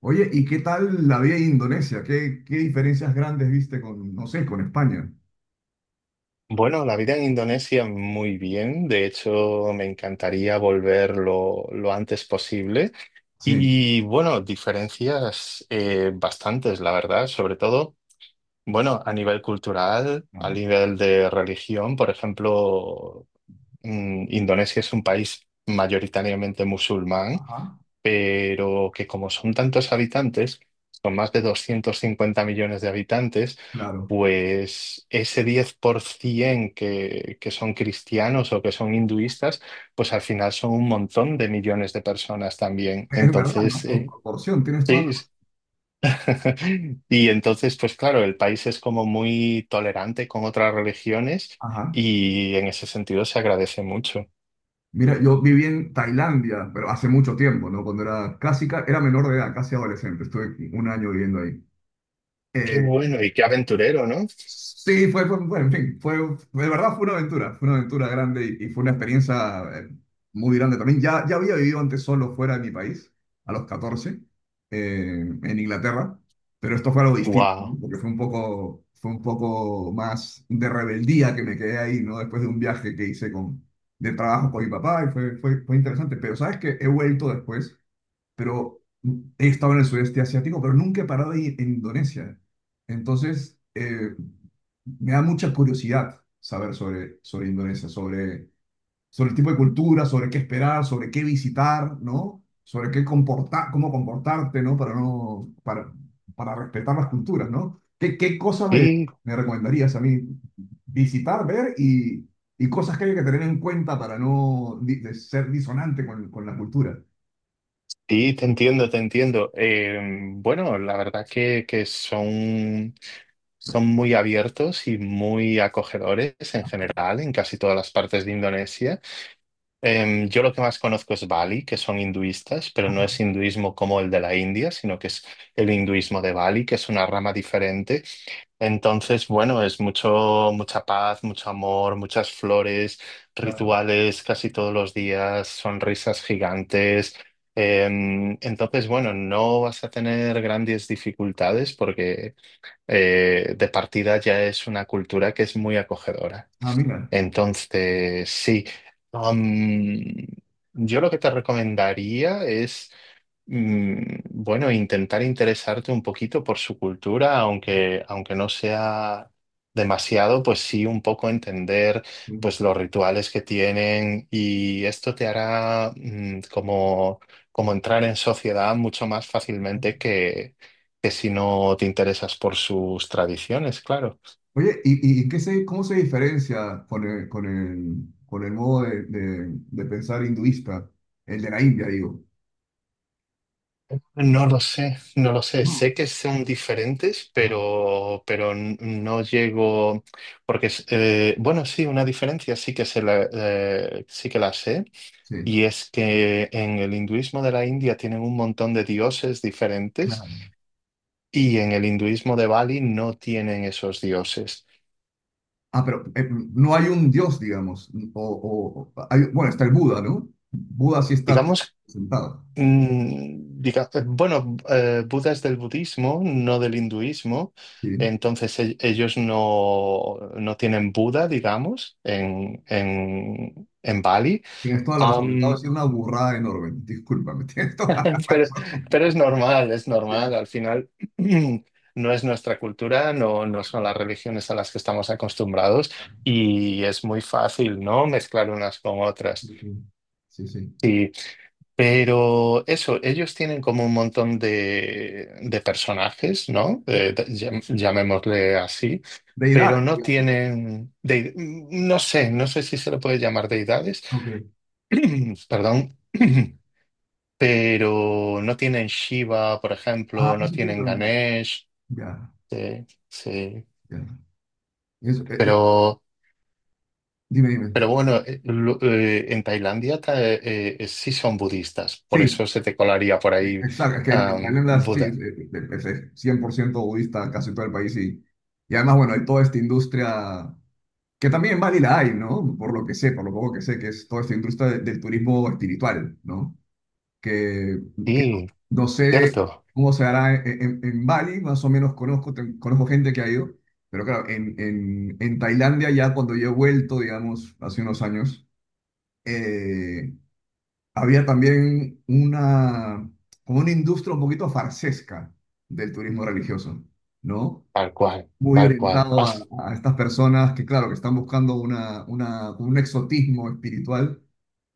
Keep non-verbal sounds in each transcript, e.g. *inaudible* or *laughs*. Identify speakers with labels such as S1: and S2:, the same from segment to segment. S1: Oye, ¿y qué tal la vida en Indonesia? ¿Qué diferencias grandes viste con, no sé, con España?
S2: Bueno, la vida en Indonesia muy bien. De hecho, me encantaría volver lo antes posible.
S1: Sí,
S2: Y bueno, diferencias bastantes, la verdad, sobre todo, bueno, a nivel cultural, a
S1: claro.
S2: nivel de religión, por ejemplo, Indonesia es un país mayoritariamente musulmán,
S1: Ajá,
S2: pero que como son tantos habitantes, son más de 250 millones de habitantes.
S1: claro.
S2: Pues ese 10% que son cristianos o que son hinduistas, pues al final son un montón de millones de personas también.
S1: Es verdad, ¿no?
S2: Entonces,
S1: Por proporción, tienes toda
S2: sí.
S1: la.
S2: *laughs* Y entonces, pues claro, el país es como muy tolerante con otras religiones
S1: Ajá.
S2: y en ese sentido se agradece mucho.
S1: Mira, yo viví en Tailandia, pero hace mucho tiempo, ¿no? Cuando era era menor de edad, casi adolescente. Estuve un año viviendo ahí.
S2: Qué
S1: Eh,
S2: bueno y qué aventurero, ¿no?
S1: Sí, fue, bueno, en fin, de verdad fue una aventura grande y fue una experiencia muy grande también. Ya había vivido antes solo fuera de mi país, a los 14 en Inglaterra, pero esto fue algo distinto, ¿no?
S2: Wow.
S1: Porque fue un poco más de rebeldía que me quedé ahí, ¿no? Después de un viaje que hice de trabajo con mi papá y fue interesante, pero sabes que he vuelto después, pero he estado en el sudeste asiático, pero nunca he parado ahí en Indonesia. Entonces, me da mucha curiosidad saber sobre Indonesia, sobre el tipo de cultura, sobre qué esperar, sobre qué visitar, ¿no? Sobre qué comportar, cómo comportarte, ¿no? Para no, para respetar las culturas, ¿no? ¿Qué cosas me recomendarías a mí visitar, ver y cosas que hay que tener en cuenta para no de ser disonante con la cultura?
S2: Sí, te entiendo, te entiendo. Bueno, la verdad que son, son muy abiertos y muy acogedores en
S1: Ajá,
S2: general en casi todas las partes de Indonesia. Yo lo que más conozco es Bali, que son hinduistas, pero no es
S1: ajá,
S2: hinduismo como el de la India, sino que es el hinduismo de Bali, que es una rama diferente. Entonces, bueno, es mucho, mucha paz, mucho amor, muchas flores,
S1: claro.
S2: rituales casi todos los días, sonrisas gigantes. Entonces, bueno, no vas a tener grandes dificultades porque de partida ya es una cultura que es muy acogedora.
S1: Ah, mira.
S2: Entonces, sí. Am, yo lo que te recomendaría es, bueno, intentar interesarte un poquito por su cultura, aunque no sea demasiado, pues sí, un poco entender pues los rituales que tienen, y esto te hará, como entrar en sociedad mucho más fácilmente que si no te interesas por sus tradiciones, claro.
S1: Oye, ¿y qué se, cómo se diferencia con el modo de pensar hinduista? El de la India, digo.
S2: No lo sé, no lo sé.
S1: No,
S2: Sé que son diferentes,
S1: ajá,
S2: pero no llego. Porque bueno, sí, una diferencia sí que, sí que la sé.
S1: sí,
S2: Y es que en el hinduismo de la India tienen un montón de dioses diferentes,
S1: claro.
S2: y en el hinduismo de Bali no tienen esos dioses.
S1: Ah, pero no hay un dios, digamos. Bueno, está el Buda, ¿no? Buda sí está
S2: Digamos.
S1: sentado.
S2: Bueno, Buda es del budismo, no del hinduismo.
S1: Sí.
S2: Entonces ellos no, no tienen Buda, digamos, en, en Bali.
S1: Tienes toda la razón. Acabo de
S2: Am,
S1: decir una burrada enorme. Discúlpame, *laughs* tienes toda la
S2: *laughs* pero,
S1: razón.
S2: pero es
S1: Sí,
S2: normal,
S1: sí,
S2: al final *clears throat* no es nuestra cultura, no son
S1: correcto.
S2: las religiones a las que estamos acostumbrados,
S1: Ah,
S2: y es muy fácil, ¿no? Mezclar unas con otras.
S1: sí, sí. Sí, sí.
S2: Pero eso, ellos tienen como un montón de personajes, ¿no? Llamémosle así, pero
S1: Deidades,
S2: no
S1: digamos.
S2: tienen, no sé, no sé si se le puede llamar deidades,
S1: Ok.
S2: *clears throat* perdón,
S1: Sí, sí.
S2: *clears throat* pero no tienen Shiva, por
S1: Ah,
S2: ejemplo, no
S1: eso te iba
S2: tienen
S1: a.
S2: Ganesh,
S1: Ya.
S2: sí sí,
S1: Ya. Eso,
S2: pero,
S1: dime, dime.
S2: pero bueno, en Tailandia sí son budistas, por
S1: Sí,
S2: eso se te colaría por ahí,
S1: exacto. Es que en Tailandia sí, es
S2: Buda.
S1: eh, eh, es- es 100% budista casi todo el país. Y además, bueno, hay toda esta industria, que también en Bali la hay, ¿no? Por lo que sé, por lo poco que sé, que es toda esta industria del turismo espiritual, ¿no? Que, que no sé
S2: ¿Cierto?
S1: cómo se hará en Bali, más o menos conozco, conozco gente que ha ido, pero claro, en Tailandia ya cuando yo he vuelto, digamos, hace unos años. eh, Había también una, como una industria un poquito farsesca del turismo religioso, ¿no?
S2: Tal cual,
S1: Muy
S2: tal cual.
S1: orientado
S2: Pasa.
S1: a estas personas que, claro, que están buscando una, un exotismo espiritual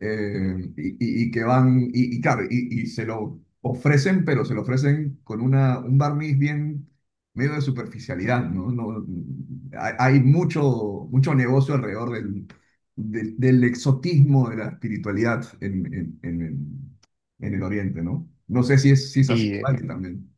S1: y, y que van, y claro, y se lo ofrecen, pero se lo ofrecen con un barniz bien medio de superficialidad, ¿no? No, hay mucho, mucho negocio alrededor del exotismo de la espiritualidad en el Oriente, ¿no? No sé si es así
S2: Y
S1: en Bali
S2: eh,
S1: también.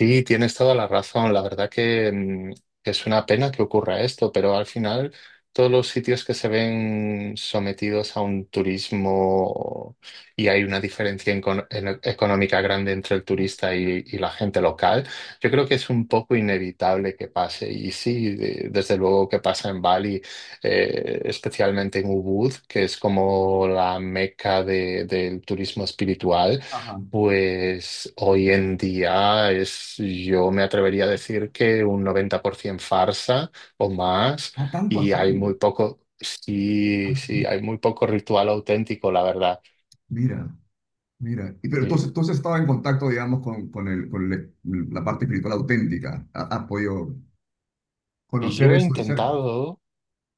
S2: Sí, tienes toda la razón. La verdad que es una pena que ocurra esto, pero al final todos los sitios que se ven sometidos a un turismo, y hay una diferencia económica grande entre el turista y, la gente local, yo creo que es un poco inevitable que pase. Y sí, desde luego que pasa en Bali, especialmente en Ubud, que es como la meca del turismo espiritual.
S1: Ajá.
S2: Pues hoy en día yo me atrevería a decir que un 90% farsa o más,
S1: Ah, tanto
S2: y
S1: así.
S2: hay muy poco, sí,
S1: Así.
S2: sí, hay muy poco ritual auténtico, la verdad.
S1: Mira. Mira, y pero entonces,
S2: Sí.
S1: entonces estaba en contacto, digamos, la parte espiritual auténtica. Has podido conocer
S2: Yo he
S1: eso de cerca.
S2: intentado,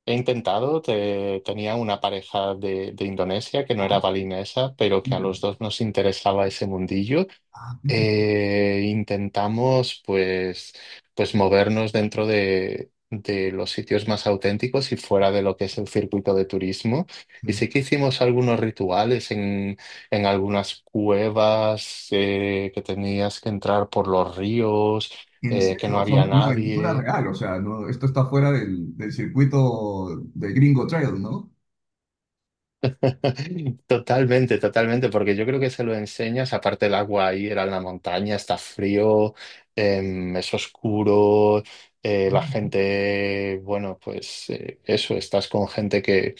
S2: he intentado, tenía una pareja de Indonesia que no era
S1: Ah,
S2: balinesa, pero que a
S1: mira.
S2: los dos nos interesaba ese mundillo.
S1: Ah, qué interesante.
S2: Intentamos pues movernos dentro de los sitios más auténticos y fuera de lo que es el circuito de turismo. Y
S1: Sí.
S2: sí que hicimos algunos rituales en algunas cuevas que tenías que entrar por los ríos,
S1: En
S2: que
S1: serio,
S2: no
S1: o sea,
S2: había
S1: una aventura
S2: nadie.
S1: real. O sea, no, esto está fuera del circuito de Gringo Trail, ¿no?
S2: *laughs* Totalmente, totalmente, porque yo creo que se lo enseñas, aparte el agua ahí era en la montaña, está frío, es oscuro, la
S1: Ah,
S2: gente, bueno, pues eso, estás con gente que,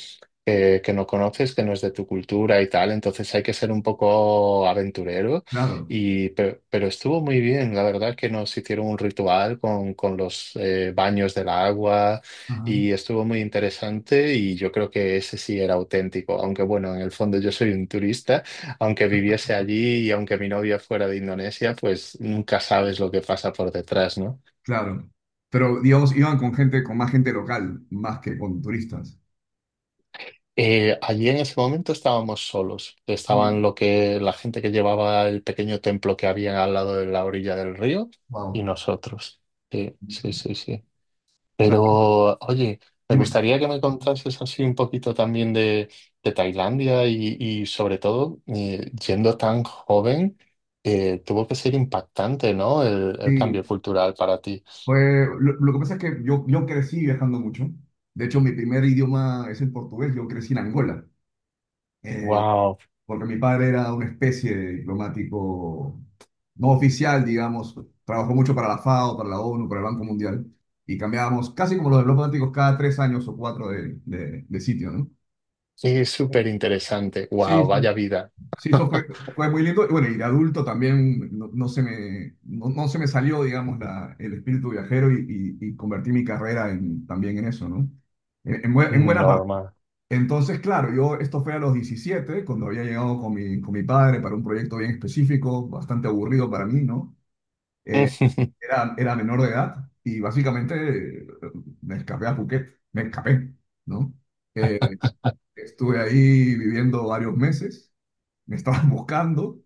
S2: que, que no conoces, que no es de tu cultura y tal. Entonces hay que ser un poco aventurero,
S1: claro,
S2: y, pero estuvo muy bien. La verdad que nos hicieron un ritual con los baños del agua.
S1: ajá,
S2: Y estuvo muy interesante, y yo creo que ese sí era auténtico, aunque bueno, en el fondo yo soy un turista, aunque viviese allí y aunque mi novia fuera de Indonesia. Pues nunca sabes lo que pasa por detrás, ¿no?
S1: claro. Pero, digamos, iban con gente, con más gente local, más que con turistas.
S2: Allí en ese momento estábamos solos,
S1: Ah, mira.
S2: estaban lo que la gente que llevaba el pequeño templo que había al lado de la orilla del río y
S1: Wow. O
S2: nosotros. Sí, sí, sí, sí.
S1: sea,
S2: Pero, oye, me
S1: dime.
S2: gustaría que me contases así un poquito también de Tailandia, y, sobre todo, yendo tan joven, tuvo que ser impactante, ¿no? El cambio
S1: Sí,
S2: cultural para ti.
S1: pues lo que pasa es que yo crecí viajando mucho. De hecho, mi primer idioma es el portugués. Yo crecí en Angola, eh,
S2: ¡Wow!
S1: porque mi padre era una especie de diplomático no oficial, digamos. Trabajó mucho para la FAO, para la ONU, para el Banco Mundial. Y cambiábamos casi como los diplomáticos cada 3 años o cuatro de sitio, ¿no?
S2: Es súper interesante.
S1: Sí,
S2: ¡Wow! Vaya
S1: sí.
S2: vida.
S1: Sí, eso fue,
S2: *laughs*
S1: fue muy lindo. Y bueno, y de adulto también no, no se me, no se me salió, digamos, el espíritu viajero y, y convertí mi carrera también en eso, ¿no? En buena parte.
S2: Normal.
S1: Entonces, claro, yo esto fue a los 17 cuando había llegado con mi padre para un proyecto bien específico, bastante aburrido para mí, ¿no? Eh,
S2: *laughs*
S1: era menor de edad y básicamente me escapé a Phuket, me escapé, ¿no? Eh, estuve ahí viviendo varios meses me estaban *laughs* buscando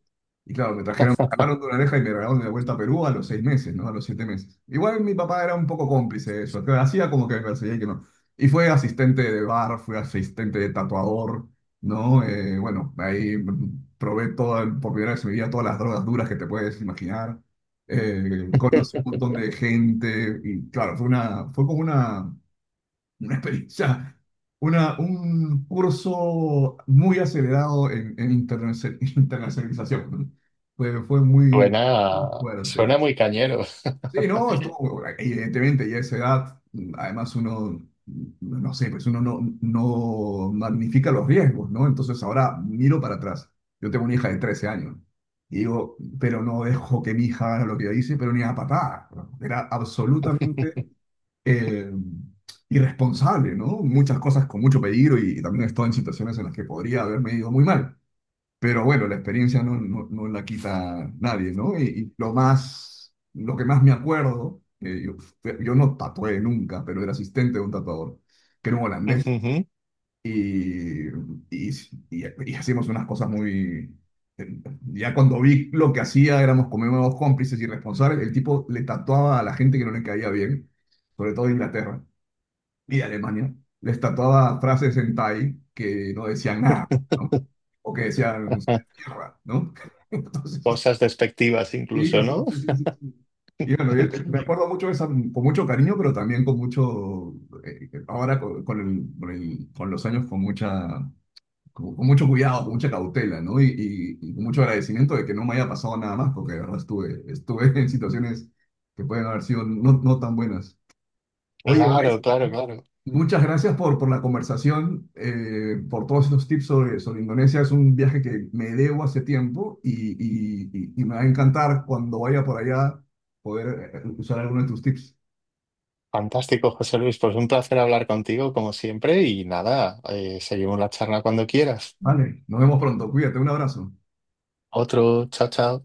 S1: y claro, me trajeron, me jalaron de una oreja y me regalaron de vuelta a Perú a los 6 meses, ¿no? A los 7 meses. Igual mi papá era un poco cómplice de eso, que hacía como que me perseguía y que no. Y fue asistente de bar, fue asistente de tatuador, ¿no? Bueno, ahí probé toda, por primera vez en mi vida todas las drogas duras que te puedes imaginar. Conocí un montón de gente y claro, fue una, fue como una experiencia, un curso muy acelerado *laughs* internacionalización, ¿no? Fue muy
S2: Suena,
S1: fuerte.
S2: suena muy cañero.
S1: Sí, no,
S2: *laughs*
S1: estuvo, evidentemente, ya a esa edad, además uno, no sé, pues uno no, magnifica los riesgos, ¿no? Entonces ahora miro para atrás. Yo tengo una hija de 13 años. Y digo, pero no dejo que mi hija haga lo que yo hice, pero ni a patada, ¿no? Era absolutamente eh, irresponsable, ¿no? Muchas cosas con mucho peligro y también he estado en situaciones en las que podría haberme ido muy mal. Pero bueno, la experiencia no la quita nadie, ¿no? Y lo que más me acuerdo, yo no tatué nunca, pero era asistente de un tatuador, que era un holandés,
S2: Ujujú.
S1: y, y, y hacíamos unas cosas muy. eh, Ya cuando vi lo que hacía, éramos como unos cómplices irresponsables, el tipo le tatuaba a la gente que no le caía bien, sobre todo de Inglaterra y Alemania les tatuaba frases en Thai que no decían nada, ¿no?
S2: *laughs*
S1: O que decían no sé, tierra, ¿no? *laughs* Entonces,
S2: Cosas despectivas incluso,
S1: sí, sí,
S2: ¿no?
S1: sí, sí, sí, sí. Y bueno, yo, me
S2: *laughs*
S1: acuerdo mucho de esa, con mucho cariño, pero también con mucho, ahora con los años, con mucho cuidado, con mucha cautela, ¿no? Y con mucho agradecimiento de que no me haya pasado nada más, porque de verdad estuve *laughs* en situaciones que pueden haber sido no, tan buenas. Oye, ahora,
S2: Claro, claro, claro.
S1: muchas gracias por la conversación, por todos estos tips sobre Indonesia. Es un viaje que me debo hace tiempo y me va a encantar cuando vaya por allá poder usar alguno de tus tips.
S2: Fantástico, José Luis. Pues un placer hablar contigo como siempre, y nada, seguimos la charla cuando quieras.
S1: Vale, nos vemos pronto. Cuídate, un abrazo.
S2: Otro, chao, chao.